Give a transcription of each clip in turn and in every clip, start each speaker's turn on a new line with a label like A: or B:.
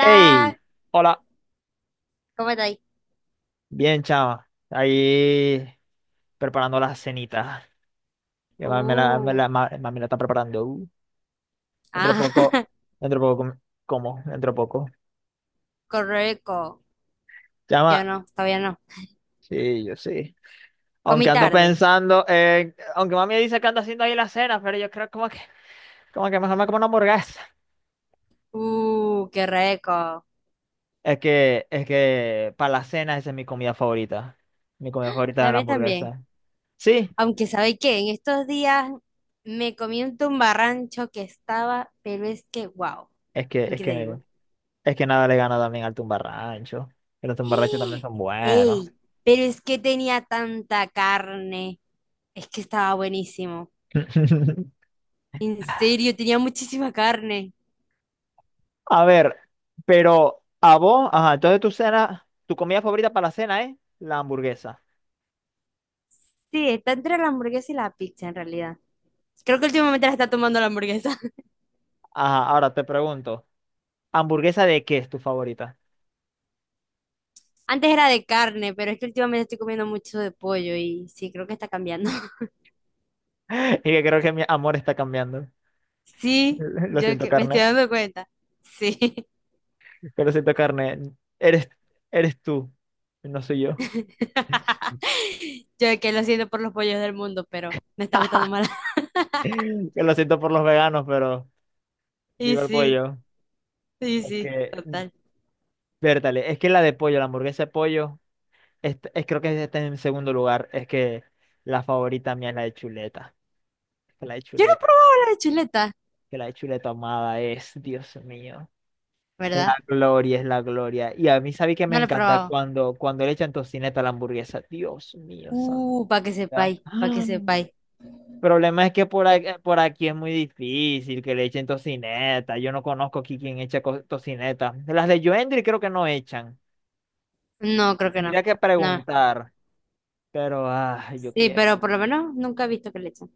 A: Hey, hola,
B: ¿cómo estáis?
A: bien chama, ahí preparando la cenita. Que mami
B: Uh,
A: mami la está preparando, dentro de
B: ah,
A: poco, dentro de poco, com- dentro de poco,
B: correco. Yo
A: chama.
B: no, todavía no.
A: Sí, yo sí,
B: Comí
A: aunque ando
B: tarde.
A: pensando, aunque mami dice que anda haciendo ahí la cena, pero yo creo como que mejor me como una hamburguesa.
B: Qué rico.
A: Es que para la cena esa es mi comida favorita
B: La
A: es la
B: mía también.
A: hamburguesa. Sí,
B: Aunque, ¿sabéis qué? En estos días me comí un tumbarrancho que estaba, pero es que, wow,
A: es que, es que
B: increíble.
A: Es que nada le gana también al tumbarrancho. Que los tumbarranchos también son buenos.
B: ¡Ey! Pero es que tenía tanta carne. Es que estaba buenísimo. En serio, tenía muchísima carne.
A: A ver, pero a vos, ajá, entonces tu cena, tu comida favorita para la cena es la hamburguesa.
B: Sí, está entre la hamburguesa y la pizza en realidad. Creo que últimamente la está tomando la hamburguesa.
A: Ajá, ahora te pregunto, ¿hamburguesa de qué es tu favorita?
B: Antes era de carne, pero es que últimamente estoy comiendo mucho de pollo y sí, creo que está cambiando.
A: Y que creo que mi amor está cambiando.
B: Sí,
A: Lo
B: yo
A: siento,
B: que me estoy
A: carne.
B: dando cuenta. Sí.
A: Que lo siento, carne. Eres, eres tú, no soy yo.
B: Yo que lo siento por los pollos del mundo, pero me está gustando más.
A: Que lo siento por los veganos, pero
B: Y
A: viva el
B: sí,
A: pollo.
B: y
A: Es
B: sí,
A: que,
B: total.
A: vértale, es que la de pollo, la hamburguesa de pollo. Creo que está en segundo lugar. Es que la favorita mía es la de chuleta. Que la de
B: Yo no he
A: chuleta,
B: probado la de chuleta,
A: que la de chuleta amada es, Dios mío. La
B: ¿verdad?
A: gloria es la gloria. Y a mí, ¿sabes que me
B: No la he
A: encanta?
B: probado.
A: Cuando le echan tocineta a la hamburguesa. Dios mío, santa.
B: Para que sepáis, para que
A: El
B: sepáis.
A: problema es que por
B: Eh,
A: aquí, por aquí es muy difícil que le echen tocineta. Yo no conozco aquí quien echa tocineta. Las de Joendry creo que no echan.
B: No, creo que no.
A: Tendría que
B: No.
A: preguntar. Pero, ah, yo
B: Sí,
A: quiero.
B: pero por lo menos nunca he visto que le echen.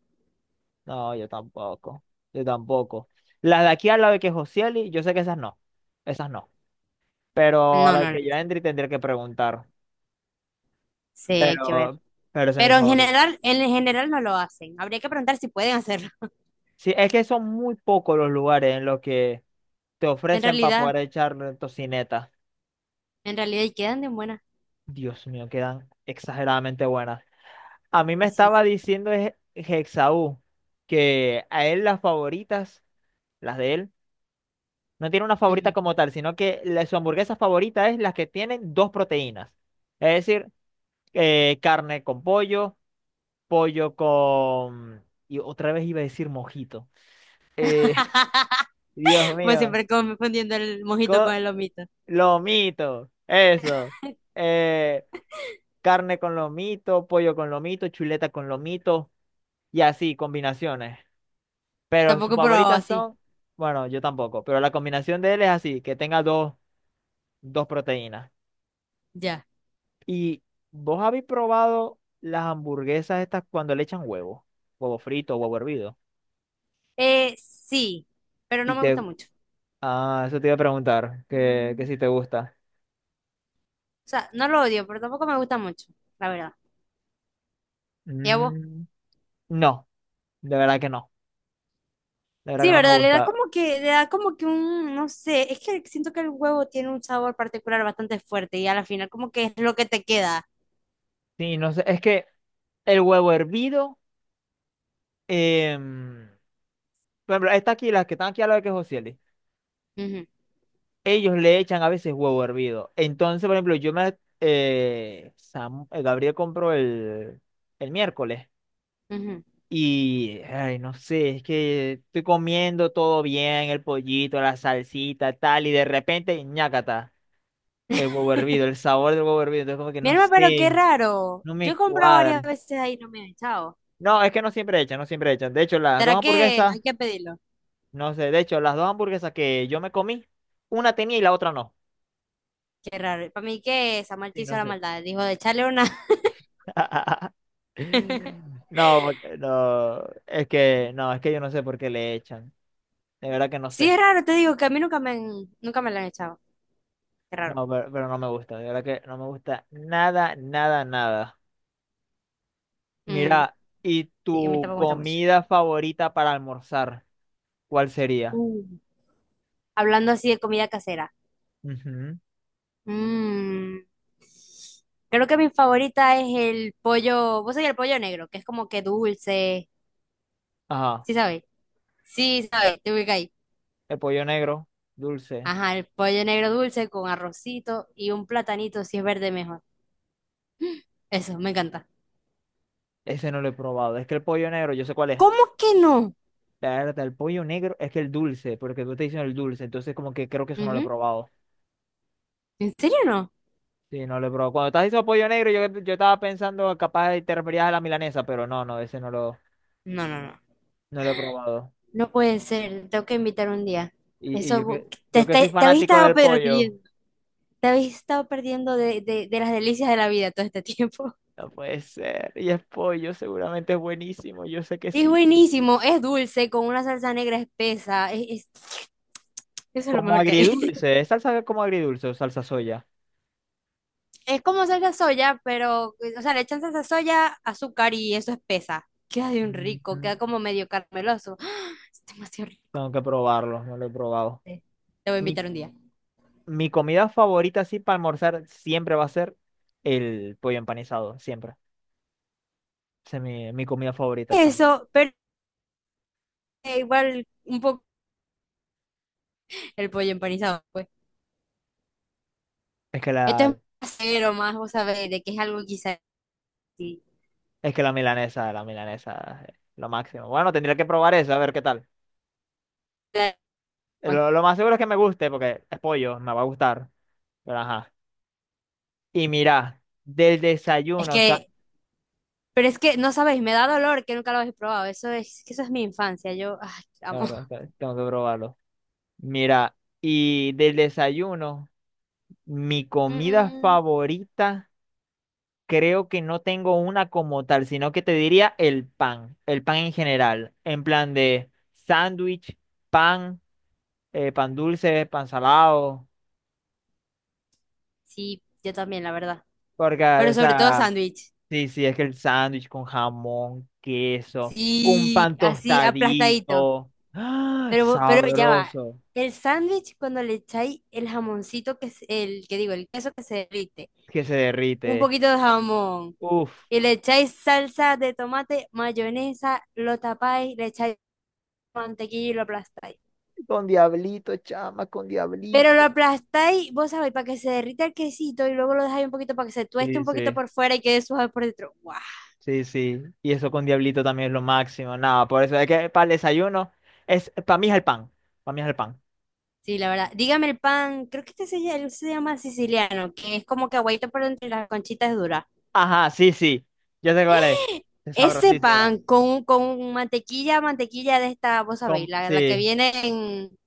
A: No, yo tampoco. Yo tampoco. Las de aquí a la de que Josieli, yo sé que esas no. Esas no. Pero a
B: No,
A: la
B: no le
A: que yo
B: echan.
A: Endri tendría que preguntar.
B: Sí, hay que ver.
A: Pero, pero ese es mi
B: Pero
A: favorito.
B: en general no lo hacen. Habría que preguntar si pueden hacerlo.
A: Sí, es que son muy pocos los lugares en los que te
B: En
A: ofrecen para
B: realidad,
A: poder echar tocineta.
B: en realidad, y quedan de buena.
A: Dios mío, quedan exageradamente buenas. A mí me
B: Y sí.
A: estaba diciendo es Hexaú que a él las favoritas, las de él, no tiene una favorita
B: Ujú.
A: como tal, sino que su hamburguesa favorita es las que tienen dos proteínas. Es decir, carne con pollo, pollo con... Y otra vez iba a decir mojito. Eh, Dios
B: Pues
A: mío,
B: siempre confundiendo el mojito
A: co-
B: con el lomito.
A: lomito, eso. Eh, carne con lomito, pollo con lomito, chuleta con lomito y así, combinaciones. Pero sus
B: Tampoco he probado
A: favoritas
B: así.
A: son, bueno, yo tampoco, pero la combinación de él es así, que tenga dos proteínas.
B: Ya.
A: ¿Y vos habéis probado las hamburguesas estas cuando le echan huevo? Huevo frito, huevo hervido.
B: Sí, pero no
A: Y
B: me
A: te...
B: gusta mucho.
A: Ah, eso te iba a preguntar, que si te gusta.
B: O sea, no lo odio, pero tampoco me gusta mucho, la verdad. ¿Y a vos?
A: Mm, no, de verdad que no. De verdad
B: Sí,
A: que no me
B: ¿verdad? Le da
A: gusta.
B: como que, un, no sé, es que siento que el huevo tiene un sabor particular bastante fuerte y a la final como que es lo que te queda.
A: Sí, no sé, es que el huevo hervido, em, por ejemplo, estas aquí, las que están aquí a la de que Josieli,
B: Ujú,
A: ellos le echan a veces huevo hervido. Entonces, por ejemplo, Gabriel compró el miércoles.
B: ujú.
A: Y, ay, no sé, es que estoy comiendo todo bien, el pollito, la salsita, tal, y de repente, ñácata, el huevo hervido, el sabor del huevo hervido, entonces como que
B: Mi
A: no
B: alma, pero qué
A: sé,
B: raro.
A: no
B: Yo he
A: me
B: comprado varias
A: cuadra.
B: veces ahí y no me han echado.
A: No, es que no siempre echan, no siempre echan. De hecho, las dos
B: ¿Será que
A: hamburguesas,
B: hay que pedirlo?
A: no sé, de hecho, las dos hamburguesas que yo me comí, una tenía y la otra no.
B: Qué raro. Para mí que Samuel te
A: Sí,
B: hizo
A: no
B: la
A: sé.
B: maldad. Dijo de echarle una.
A: No, porque- no, es que, no, es que yo no sé por qué le echan. De verdad que no
B: Sí,
A: sé.
B: es raro, te digo que a mí nunca me la han echado. Qué raro.
A: No, pero no me gusta, de verdad que no me gusta nada, nada, nada.
B: Mm,
A: Mira, ¿y
B: sí, a mí
A: tu
B: tampoco me gusta mucho.
A: comida favorita para almorzar? ¿Cuál sería?
B: Uh, hablando así de comida casera.
A: Ujú.
B: Mm, creo que mi favorita es el pollo, vos sabés el pollo negro, que es como que dulce,
A: Ajá,
B: ¿sí sabéis? Sí, sabéis, te ubicáis.
A: el pollo negro, dulce.
B: Ajá, el pollo negro dulce con arrocito y un platanito, si es verde mejor. Eso, me encanta.
A: Ese no lo he probado. Es que el pollo negro, yo sé cuál es.
B: ¿Cómo que no?
A: La verdad, el pollo negro es que el dulce, porque tú te diciendo el dulce, entonces como que creo que eso no lo he
B: Ujú.
A: probado.
B: ¿En serio no?
A: Sí, no lo he probado. Cuando estás diciendo pollo negro, yo estaba pensando capaz de te referías a la milanesa, pero no, no, ese
B: No, no, no.
A: no lo he probado.
B: No puede ser, tengo que invitar un día. Eso,
A: Yo
B: te,
A: que soy
B: te, te habéis
A: fanático
B: estado
A: del pollo.
B: perdiendo de las delicias de la vida todo este tiempo.
A: No puede ser. Y es pollo, seguramente es buenísimo. Yo sé que
B: Es
A: sí.
B: buenísimo, es dulce, con una salsa negra espesa. Eso es lo
A: Como
B: mejor que hay.
A: agridulce, ¿es salsa como agridulce o salsa soya?
B: Es como salsa soya, pero, o sea, le echan salsa soya, azúcar y eso espesa. Queda de un rico,
A: Mm.
B: queda como medio carameloso. ¡Ah! Es demasiado rico.
A: Tengo que probarlo, no lo he probado.
B: Te voy a
A: Mi,
B: invitar un día.
A: mi comida favorita, así para almorzar, siempre va a ser el pollo empanizado, siempre. Esa es mi comida favorita, chamo.
B: Eso, pero igual un poco el pollo empanizado, pues.
A: Es que
B: Esto es
A: la,
B: más casero, más, vos sabés, de que es algo quizás. Sí.
A: es que la milanesa, es lo máximo. Bueno, tendría que probar eso, a ver qué tal. Lo más seguro es que me guste, porque es pollo, me va a gustar. Pero ajá. Y mira, del
B: Es
A: desayuno,
B: que, pero es que, no sabéis, me da dolor que nunca lo habéis probado. Eso es, que eso es mi infancia, yo, ay,
A: la
B: amo.
A: verdad, es que tengo que probarlo. Mira, y del desayuno, mi comida
B: Mm.
A: favorita, creo que no tengo una como tal, sino que te diría el pan en general, en plan de sándwich, pan, pan dulce, pan salado,
B: Sí, yo también, la verdad.
A: porque,
B: Pero
A: o
B: sobre todo
A: sea,
B: sándwich.
A: sí, sí, es que el sándwich con jamón, queso, un
B: Sí,
A: pan
B: así aplastadito.
A: tostadito, ¡ah!,
B: Pero ya va.
A: sabroso,
B: El sándwich, cuando le echáis el jamoncito, que es el que digo, el queso que se derrite,
A: que se
B: un
A: derrite.
B: poquito de jamón,
A: Uf.
B: y le echáis salsa de tomate, mayonesa, lo tapáis, le echáis mantequilla y lo aplastáis.
A: Con Diablito, chama, con
B: Pero lo
A: Diablito.
B: aplastáis, vos sabéis, para que se derrita el quesito y luego lo dejáis un poquito para que se tueste
A: Sí,
B: un poquito
A: sí,
B: por fuera y quede suave por dentro. ¡Wow!
A: sí, sí. Y eso con Diablito también es lo máximo. Nada, por eso es que para el desayuno es para mí es el pan. Para mí es el pan.
B: Sí, la verdad. Dígame el pan, creo que este se llama siciliano, que es como que aguaito por entre las conchitas duras.
A: Ajá, sí, sí. Yo sé cuál es. Es
B: Ese pan
A: sabrosísimo.
B: con mantequilla, mantequilla de esta, vos sabéis,
A: Con-
B: la que
A: sí.
B: viene en,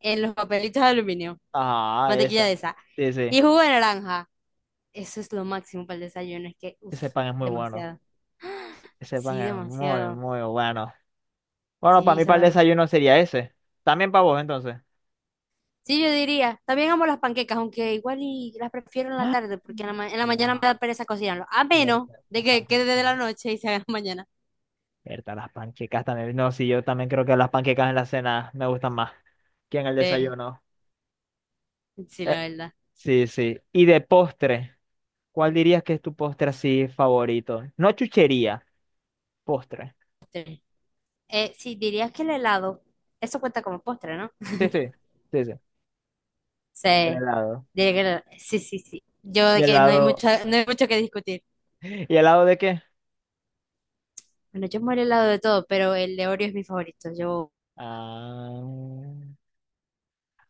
B: en los papelitos de aluminio,
A: Ah,
B: mantequilla de
A: esa.
B: esa.
A: Sí, sí.
B: Y jugo de naranja. Eso es lo máximo para el desayuno, es que, uff,
A: Ese pan es muy bueno.
B: demasiado.
A: Ese pan
B: Sí,
A: es muy,
B: demasiado.
A: muy bueno. Bueno, para
B: Sí,
A: mí para el
B: sabemos.
A: desayuno sería ese. También para vos, entonces.
B: Sí, yo diría, también amo las panquecas, aunque igual y las prefiero en la
A: ¡Ah!
B: tarde, porque en la mañana me
A: Wow,
B: da pereza cocinarlo, a menos
A: fuerte, la
B: de que
A: panza.
B: quede de la noche y se haga mañana.
A: Berta, las panquecas también. No, sí, yo también creo que las panquecas en la cena me gustan más que en el
B: Tres.
A: desayuno.
B: Sí,
A: Eh,
B: la verdad.
A: sí, sí. Y de postre, ¿cuál dirías que es tu postre así favorito? No chuchería, postre.
B: Tres. Sí, dirías que el helado, eso cuenta como postre, ¿no?
A: Sí, sí, sí, sí. El
B: Sí.
A: helado.
B: Diría que helado, sí, sí, sí. Yo
A: ¿Y
B: de que no hay
A: helado?
B: mucho, no hay mucho que discutir.
A: ¿Y helado de qué?
B: Bueno, yo amo el helado de todo, pero el de Oreo es mi favorito. Yo
A: Ah,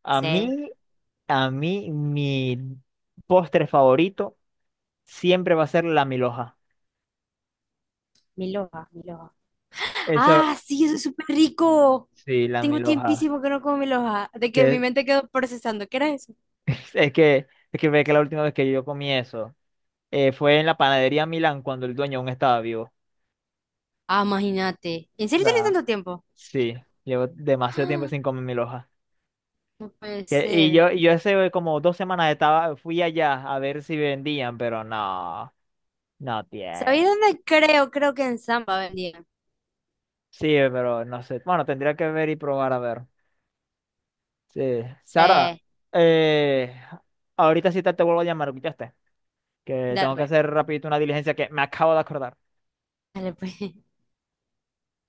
A: a
B: sé.
A: mí, a mí, mi postre favorito siempre va a ser la milhoja.
B: Mi loja, mi loja.
A: Eso,
B: Ah, sí, eso es súper rico.
A: sí, la
B: Tengo
A: milhoja.
B: tiempísimo que no como mi loja. De que mi
A: Que
B: mente quedó procesando. ¿Qué era eso?
A: es que, es que ve que la última vez que yo comí eso fue en la panadería Milán cuando el dueño aún estaba vivo.
B: Ah, imagínate. ¿En
A: O
B: serio tenés
A: sea,
B: tanto tiempo?
A: sí, llevo demasiado tiempo
B: Ah,
A: sin comer mi loja.
B: no puede
A: Que-
B: ser.
A: y yo hace como 2 semanas estaba, fui allá a ver si vendían, pero no, no
B: ¿Sabéis
A: tiene.
B: dónde creo? Creo que en Samba vendían.
A: Sí, pero no sé. Bueno, tendría que ver y probar a ver. Sí. Sara,
B: Sí.
A: eh, ahorita sí te vuelvo a llamar, ¿escuchaste? Que
B: Dale,
A: tengo que
B: pues.
A: hacer rapidito una diligencia que me acabo de acordar.
B: Dale, pues.